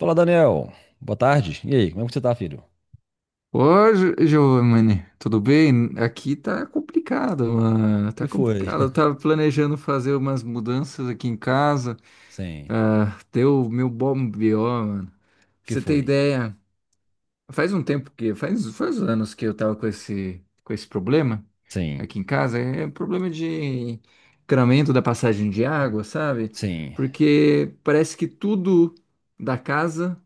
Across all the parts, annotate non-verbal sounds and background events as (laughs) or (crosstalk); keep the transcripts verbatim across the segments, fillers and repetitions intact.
Fala, Daniel. Boa tarde. E aí, como é que você tá, filho? Ô, Gi- Giovanni, tudo bem? Aqui tá complicado, mano. Que Tá foi? complicado. Eu (laughs) tava planejando fazer umas mudanças aqui em casa. Sim. Ah, deu meu bom B O, mano. Pra Que você ter foi? ideia, faz um tempo que, faz, faz anos que eu tava com esse, com esse problema Sim. aqui em casa. É um problema de encanamento da passagem de água, sabe? Sim. Porque parece que tudo da casa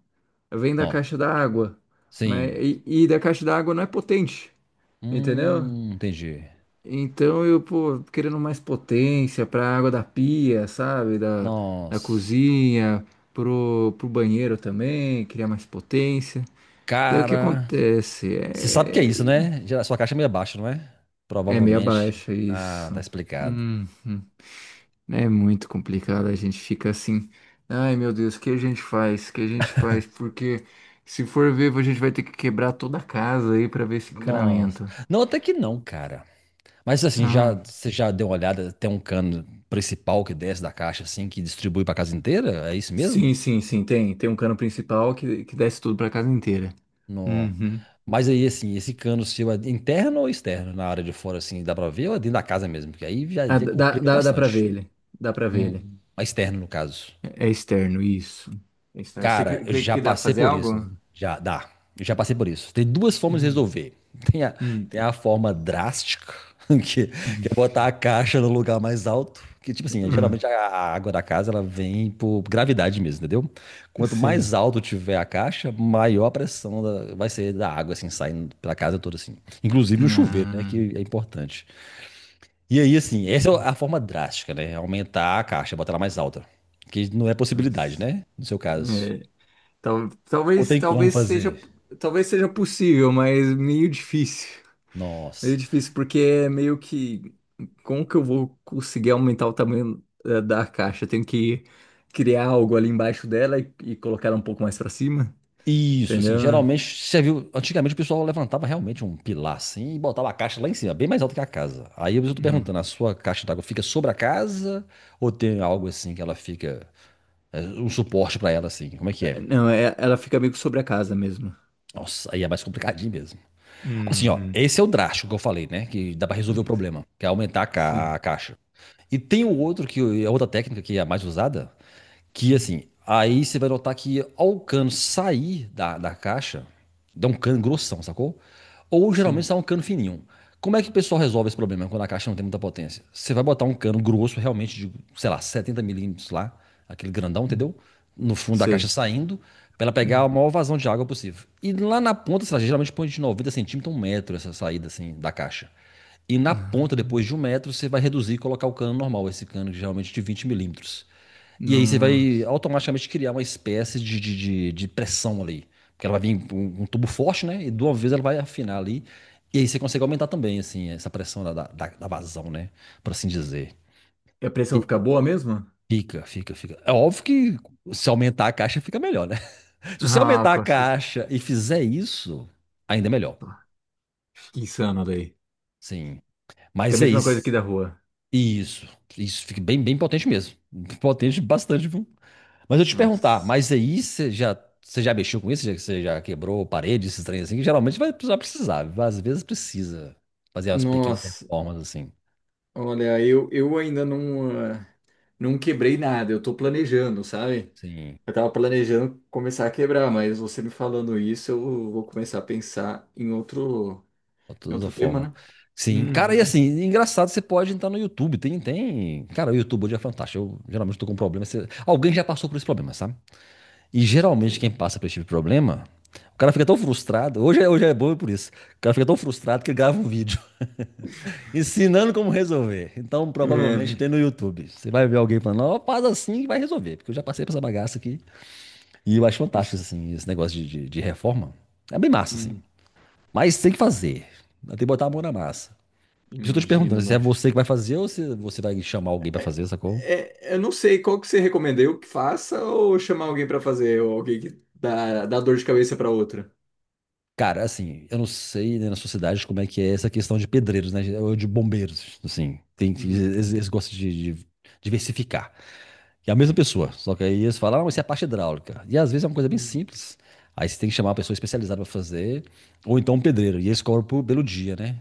vem da Não. caixa da água. Mas, Sim. e, e da caixa d'água não é potente. Entendeu? Hum, entendi. Então eu, pô, querendo mais potência pra água da pia, sabe? Da, da Nossa. cozinha, pro, pro banheiro também, queria mais potência. Daí o que Cara. acontece? Você sabe o que é É, isso, né? Gera- Sua caixa é meio baixa, não é? é meia Provavelmente. baixa Ah, isso. tá explicado. Uhum. É muito complicado, a gente fica assim. Ai meu Deus, o que a gente faz? O que a gente faz? Porque se for ver, a gente vai ter que quebrar toda a casa aí pra ver esse Nossa. encanamento. Não, até que não, cara. Mas assim, já, Ah. você já deu uma olhada? Tem um cano principal que desce da caixa, assim, que distribui pra casa inteira? É isso mesmo? Sim, sim, sim, tem. Tem um cano principal que, que desce tudo pra casa inteira. Nó. Uhum. Mas aí, assim, esse cano seu é interno ou externo? Na área de fora, assim, dá pra ver ou é dentro da casa mesmo? Porque aí já Ah, já dá, complica dá, dá pra ver bastante. ele. Dá pra ver ele. Hum. Mas externo, no caso. É, é externo, isso. É externo. Você Cara, crê, eu crê já que dá pra passei fazer por isso. algo? Já dá. Eu já passei por isso. Tem duas formas de Hum, resolver. Tem a, hum. tem a forma drástica, (laughs) que, que é (laughs) botar a caixa no lugar mais alto. Que, tipo assim, geralmente Hum, a a água da casa ela vem por gravidade mesmo, entendeu? Quanto mais Sim. alto tiver a caixa, maior a pressão da- vai ser da água, assim, saindo pela casa toda, assim. Inclusive no chuveiro, né? Não. Que é importante. E aí, assim, essa é a forma drástica, né? Aumentar a caixa, botar ela mais alta. Que não é possibilidade, Nossa. né? No seu caso. É, tal, Ou talvez, tem como talvez seja, fazer? talvez seja possível, mas meio difícil. Meio Nossa. difícil, porque é meio que. Como que eu vou conseguir aumentar o tamanho eh, da caixa? Eu tenho que criar algo ali embaixo dela e, e colocar ela um pouco mais pra cima, Isso, assim, entendeu? geralmente serviu. Antigamente o pessoal levantava realmente um pilar assim e botava a caixa lá em cima, bem mais alto que a casa. Aí eu estou Não, perguntando, a sua caixa d'água fica sobre a casa ou tem algo assim que ela fica. É, um suporte para ela assim? Como é que é? não é- ela fica meio que sobre a casa mesmo. Nossa, aí é mais complicadinho mesmo. Assim, ó, Uhum. esse é o drástico que eu falei, né? Que dá para resolver o Hum, problema, que é aumentar a, ca- Sim. a caixa. E tem o outro que é outra técnica que é a mais usada. Que Hum, assim, aí você vai notar que ao cano sair da, da caixa, dá um cano grossão, sacou? Ou geralmente Sim. sai um cano fininho. Como é que o pessoal resolve esse problema quando a caixa não tem muita potência? Você vai botar um cano grosso, realmente, de, sei lá, 70 milímetros lá, aquele grandão, Hum, entendeu? No fundo da caixa Sei. saindo, para ela pegar Hum. a maior vazão de água possível. E lá na ponta, sei lá, geralmente põe de 90 centímetros, um metro essa saída assim da caixa. E na ponta, depois de um metro, você vai reduzir e colocar o cano normal, esse cano geralmente de 20 milímetros. E aí você vai Nossa. automaticamente criar uma espécie de, de, de, de pressão ali. Porque ela vai vir um, um tubo forte, né? E de uma vez ela vai afinar ali. E aí você consegue aumentar também, assim, essa pressão da, da, da da vazão, né? Por assim dizer. E a pressão E fica boa mesmo? fica, fica, fica. É óbvio que se aumentar a caixa fica melhor, né? (laughs) Se você Ah, aumentar a com certeza. caixa e fizer isso, ainda é melhor. Que insano daí. Sim. Que é a Mas é mesma coisa aqui isso. da rua. Isso. Isso fica bem, bem potente mesmo. Potente bastante, viu? Mas eu te perguntar, Nossa. mas aí você já, você já mexeu com isso? Já- Você já quebrou parede, esses trem assim? Que geralmente vai precisar, precisar. Às vezes precisa fazer as pequenas Nossa. reformas assim. Olha, eu, eu ainda não, ah, não quebrei nada, eu tô planejando, sabe? Sim, Eu tava planejando começar a quebrar, mas você me falando isso, eu vou começar a pensar em outro, de em toda outro tema, forma. né? Sim, cara, e Uhum. assim, engraçado, você pode entrar no YouTube, tem, tem... Cara, o YouTube hoje é fantástico, eu geralmente tô com um problema, você- alguém já passou por esse problema, sabe? E Com geralmente quem certeza. passa por esse tipo de problema, o cara fica tão frustrado. Hoje é, hoje é bom por isso. O cara fica tão frustrado que ele grava um vídeo (laughs) ensinando como resolver. Então, É, provavelmente tem né? no YouTube. Você vai ver alguém falando, ó, faz assim e vai resolver. Porque eu já passei por essa bagaça aqui. E eu acho fantástico, Nossa, assim, esse negócio de, de, de reforma. É bem massa, assim. hum, Mas tem que fazer. Tem que botar a mão na massa. Por isso eu tô te perguntando imagino, se é mas. você que vai fazer ou se você vai chamar alguém pra É, fazer, sacou? é, eu não sei qual que você recomenda, eu que faça ou chamar alguém pra fazer, ou alguém que dá, dá dor de cabeça pra outra? Cara, assim, eu não sei, né, na sua cidade como é que é essa questão de pedreiros, né? Ou de bombeiros, assim. Tem, que- Uhum. eles, eles gostam de, de diversificar. E é a mesma pessoa, só que aí eles falam, ah, mas isso é a parte hidráulica. E às vezes é uma coisa bem Uhum. simples. Aí você tem que chamar uma pessoa especializada para fazer, ou então um pedreiro. E eles cobram por- pelo dia, né?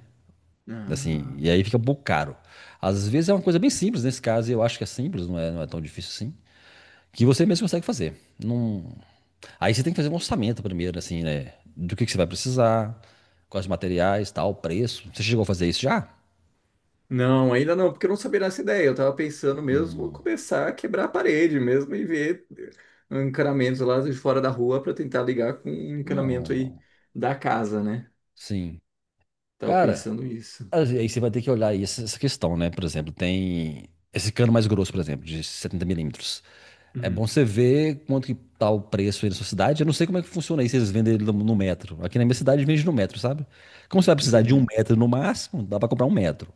Assim, Ah. e aí fica um pouco caro. Às vezes é uma coisa bem simples, nesse caso eu acho que é simples, não é, não é tão difícil assim. Que você mesmo consegue fazer. Não, aí você tem que fazer um orçamento primeiro, assim, né? Do que que você vai precisar, quais materiais, tal, preço. Você chegou a fazer isso já? Não, ainda não, porque eu não sabia dessa ideia. Eu tava pensando mesmo Hum. começar a quebrar a parede mesmo e ver eh, encanamentos lá de fora da rua para tentar ligar com o encanamento aí Não. da casa, né? Sim. Tava Cara, pensando isso. aí você vai ter que olhar aí essa essa questão, né? Por exemplo, tem esse cano mais grosso, por exemplo, de setenta milímetros. É bom Hum, você ver quanto que tá o preço aí na sua cidade. Eu não sei como é que funciona aí, se eles vendem ele no no metro. Aqui na minha cidade vende no metro, sabe? Como você vai precisar de um entendi. metro no máximo, dá pra comprar um metro.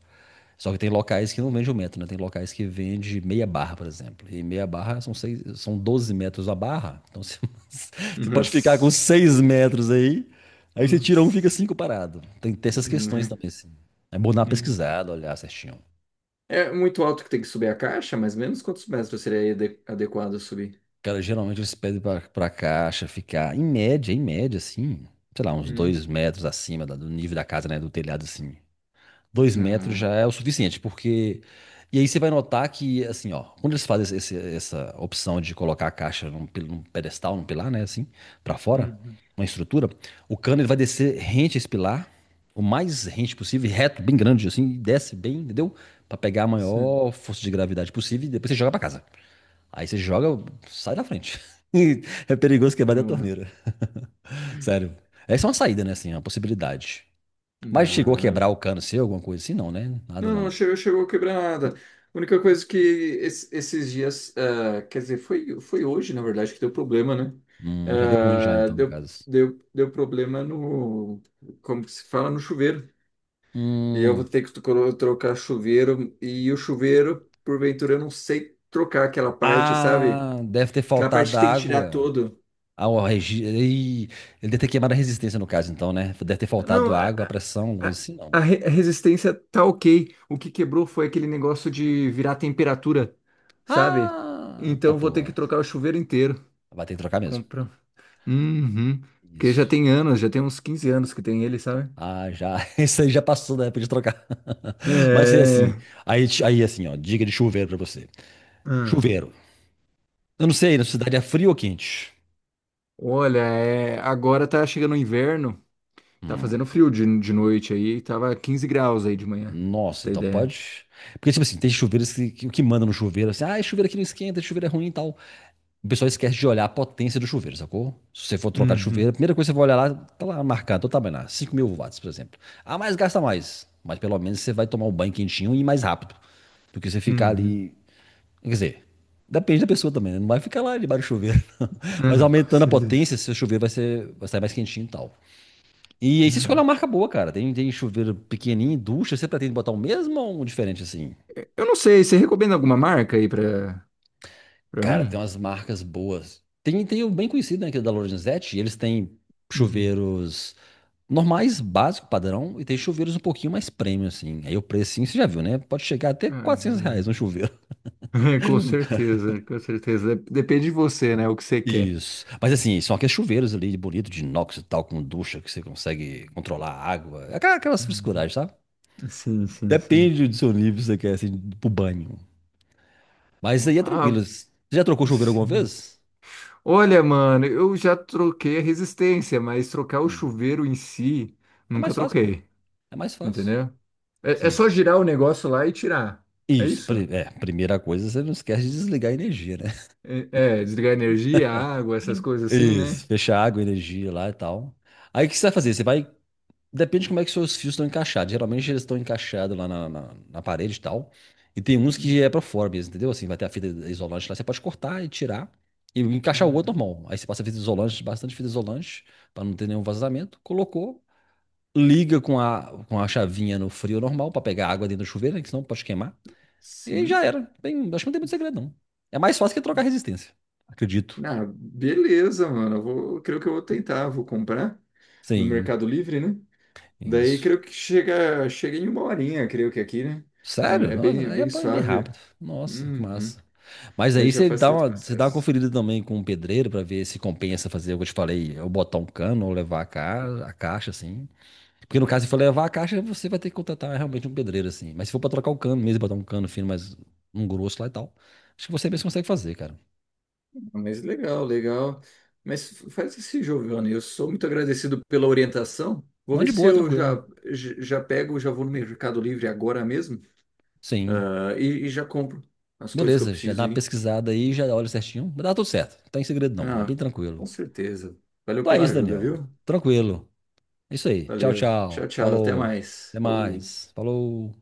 Só que tem locais que não vende o metro, né? Tem locais que vende meia barra, por exemplo. E meia barra são, seis, são doze metros a barra. Então você, (laughs) você pode ficar com Nossa, seis metros aí, aí você tira um fica nossa, cinco parado. Tem que ter essas questões né? também, assim. É bom dar uma Hum. pesquisada, olhar certinho. É muito alto que tem que subir a caixa, mais ou menos quantos metros seria ade- adequado subir? Cara, geralmente eles pedem pra, pra caixa ficar, em média, em média, assim, sei lá, uns Hum. dois metros acima da- do nível da casa, né? Do telhado, assim. Dois metros Ah, já é o suficiente, porque. E aí você vai notar que, assim, ó, quando eles fazem esse- essa opção de colocar a caixa num, pil- num pedestal, num pilar, né, assim, pra fora, uhum, uma estrutura, o cano ele vai descer rente a esse pilar, o mais rente possível, reto, bem grande, assim, e desce bem, entendeu? Pra pegar a sim. maior força de gravidade possível e depois você joga pra casa. Aí você joga, sai da frente. (laughs) É perigoso quebrar da Ah, torneira. (laughs) Sério. Essa é uma saída, né, assim, uma possibilidade. Mas chegou a quebrar o ah, cano seu, alguma coisa assim? Não, né? Nada não, não, não, né? chegou, chegou a quebrar nada. A única coisa que es- esses dias, ah, quer dizer, foi, foi hoje, na verdade, que deu problema, né? Hum, já deu ruim já, Ah, então, no deu, caso. deu, deu problema no, como que se fala, no chuveiro. E eu vou Hum. ter que tro- trocar chuveiro, e o chuveiro, porventura, eu não sei trocar aquela parte, sabe? Ah, deve ter Aquela parte faltado que tem que tirar água. todo. Ah, o regi... Ih, Ele deve ter queimado a resistência, no caso, então, né? Deve ter Não, faltado água, a A, pressão, alguma coisa assim, não. a re- a resistência tá ok. O que quebrou foi aquele negócio de virar temperatura, sabe? Ah, tá Então vou ter que porra. trocar o chuveiro inteiro. Vai ter que trocar mesmo. Comprar. Uhum. Porque já Isso. tem anos, já tem uns quinze anos que tem ele, sabe? Ah, já. (laughs) Isso aí já passou da época de trocar. (laughs) Mas é assim. É. Aí, aí assim, ó. Dica de chuveiro pra você. Hum. Chuveiro. Eu não sei, na cidade é frio ou quente? Olha, é, agora tá chegando o inverno, tá fazendo frio de, de noite aí, tava quinze graus aí de manhã, pra você Nossa, ter então ideia. pode. Porque, tipo assim, tem chuveiros que, que, que manda no chuveiro, assim, ah, esse chuveiro aqui não esquenta, esse chuveiro é ruim e tal. O pessoal esquece de olhar a potência do chuveiro, sacou? Se você for trocar de chuveiro, Uhum, a primeira coisa que você vai olhar lá, tá lá marcado, tá bem lá, cinco mil watts mil watts, por exemplo. Ah, mas gasta mais. Mas pelo menos você vai tomar um banho quentinho e ir mais rápido. Do que você ficar uhum. ali. Quer dizer, depende da pessoa também, né? Não vai ficar lá debaixo do chuveiro, (laughs) não. Mas Ah, com aumentando a certeza. potência, seu chuveiro vai ser, vai sair mais quentinho e tal. E aí você escolhe uma Ah. marca boa, cara. Tem, tem chuveiro pequenininho, ducha. Você pretende botar o mesmo ou um diferente assim? Eu não sei, você recomenda alguma marca aí pra, pra Cara, tem mim? umas marcas boas. Tem, tem o bem conhecido, né, que é da Lorenzetti. Eles têm Uhum. chuveiros normais, básico, padrão. E tem chuveiros um pouquinho mais premium, assim. Aí o precinho, você já viu, né? Pode chegar até Ah, já quatrocentos vi. reais um chuveiro. (laughs) Com (laughs) certeza, com certeza. Dep- Depende de você, né? O que você quer. Isso. Mas assim, são aqueles chuveiros ali, bonito, de inox e tal, com ducha, que você consegue controlar a água. Aquela- Aquelas Uhum. frescuragens, sabe? Sim, sim, sim. Depende do seu nível, se você quer, assim, pro banho. Mas isso aí é Ah, tranquilo. Você já trocou chuveiro alguma sim. vez? Olha, mano, eu já troquei a resistência, mas trocar o Hum. chuveiro em si, É nunca mais fácil, pô. troquei. É mais fácil. Entendeu? É, é Sim. só girar o negócio lá e tirar. É Isso. isso? pri- É, primeira coisa, você não esquece de desligar a energia, né? É, é, desligar a energia, a água, essas coisas assim, Isso. né? Fechar água, energia lá e tal. Aí o que você vai fazer? Você vai. Depende de como é que seus fios estão encaixados. Geralmente eles estão encaixados lá na, na, na parede e tal. E tem uns que é pra fora mesmo, entendeu? Assim, vai ter a fita isolante lá. Você pode cortar e tirar e encaixar o outro Uhum. normal. Aí você passa fita isolante, bastante fita isolante, pra não ter nenhum vazamento. Colocou. Liga com a, com a chavinha no frio normal pra pegar água dentro do chuveiro, né, que senão pode queimar. E aí já Sim. era. Bem, acho que não tem muito segredo, não. É mais fácil que trocar resistência. Acredito. Ah, beleza, mano. Eu vou, creio que eu vou tentar, vou comprar no Sim, Mercado Livre, né? Daí isso. creio que chega, chega em uma horinha, creio que aqui, né? É, Sério? é Nossa, bem, aí é bem ba- bem suave. rápido. Nossa, que Uhum. massa. Mas Daí aí já você dá facilita o uma, você dá uma processo. conferida também com o pedreiro pra ver se compensa fazer o que eu te falei, eu botar um cano ou levar a, ca- a caixa assim. Porque no caso, se for levar a caixa, você vai ter que contratar realmente um pedreiro, assim. Mas se for pra trocar o cano mesmo, botar um cano fino, mas um grosso lá e tal, acho que você mesmo consegue fazer, cara. Ah, mas legal, legal. Mas faz esse Giovanni. Eu sou muito agradecido pela orientação. Vou Não, ver de se boa, eu já, tranquilo. j- já pego, já vou no Mercado Livre agora mesmo, Sim. ah, e, e já compro as coisas que eu Beleza, já dá preciso uma aí. pesquisada aí, já olha certinho. Vai dar tudo certo. Não tem segredo não, é bem Ah, com tranquilo. certeza. Valeu Então é pela isso, ajuda, Daniel. viu? Tranquilo. É isso aí. Tchau, Valeu. Tchau, tchau. tchau. Até Falou. mais. Até Falou. mais. Falou.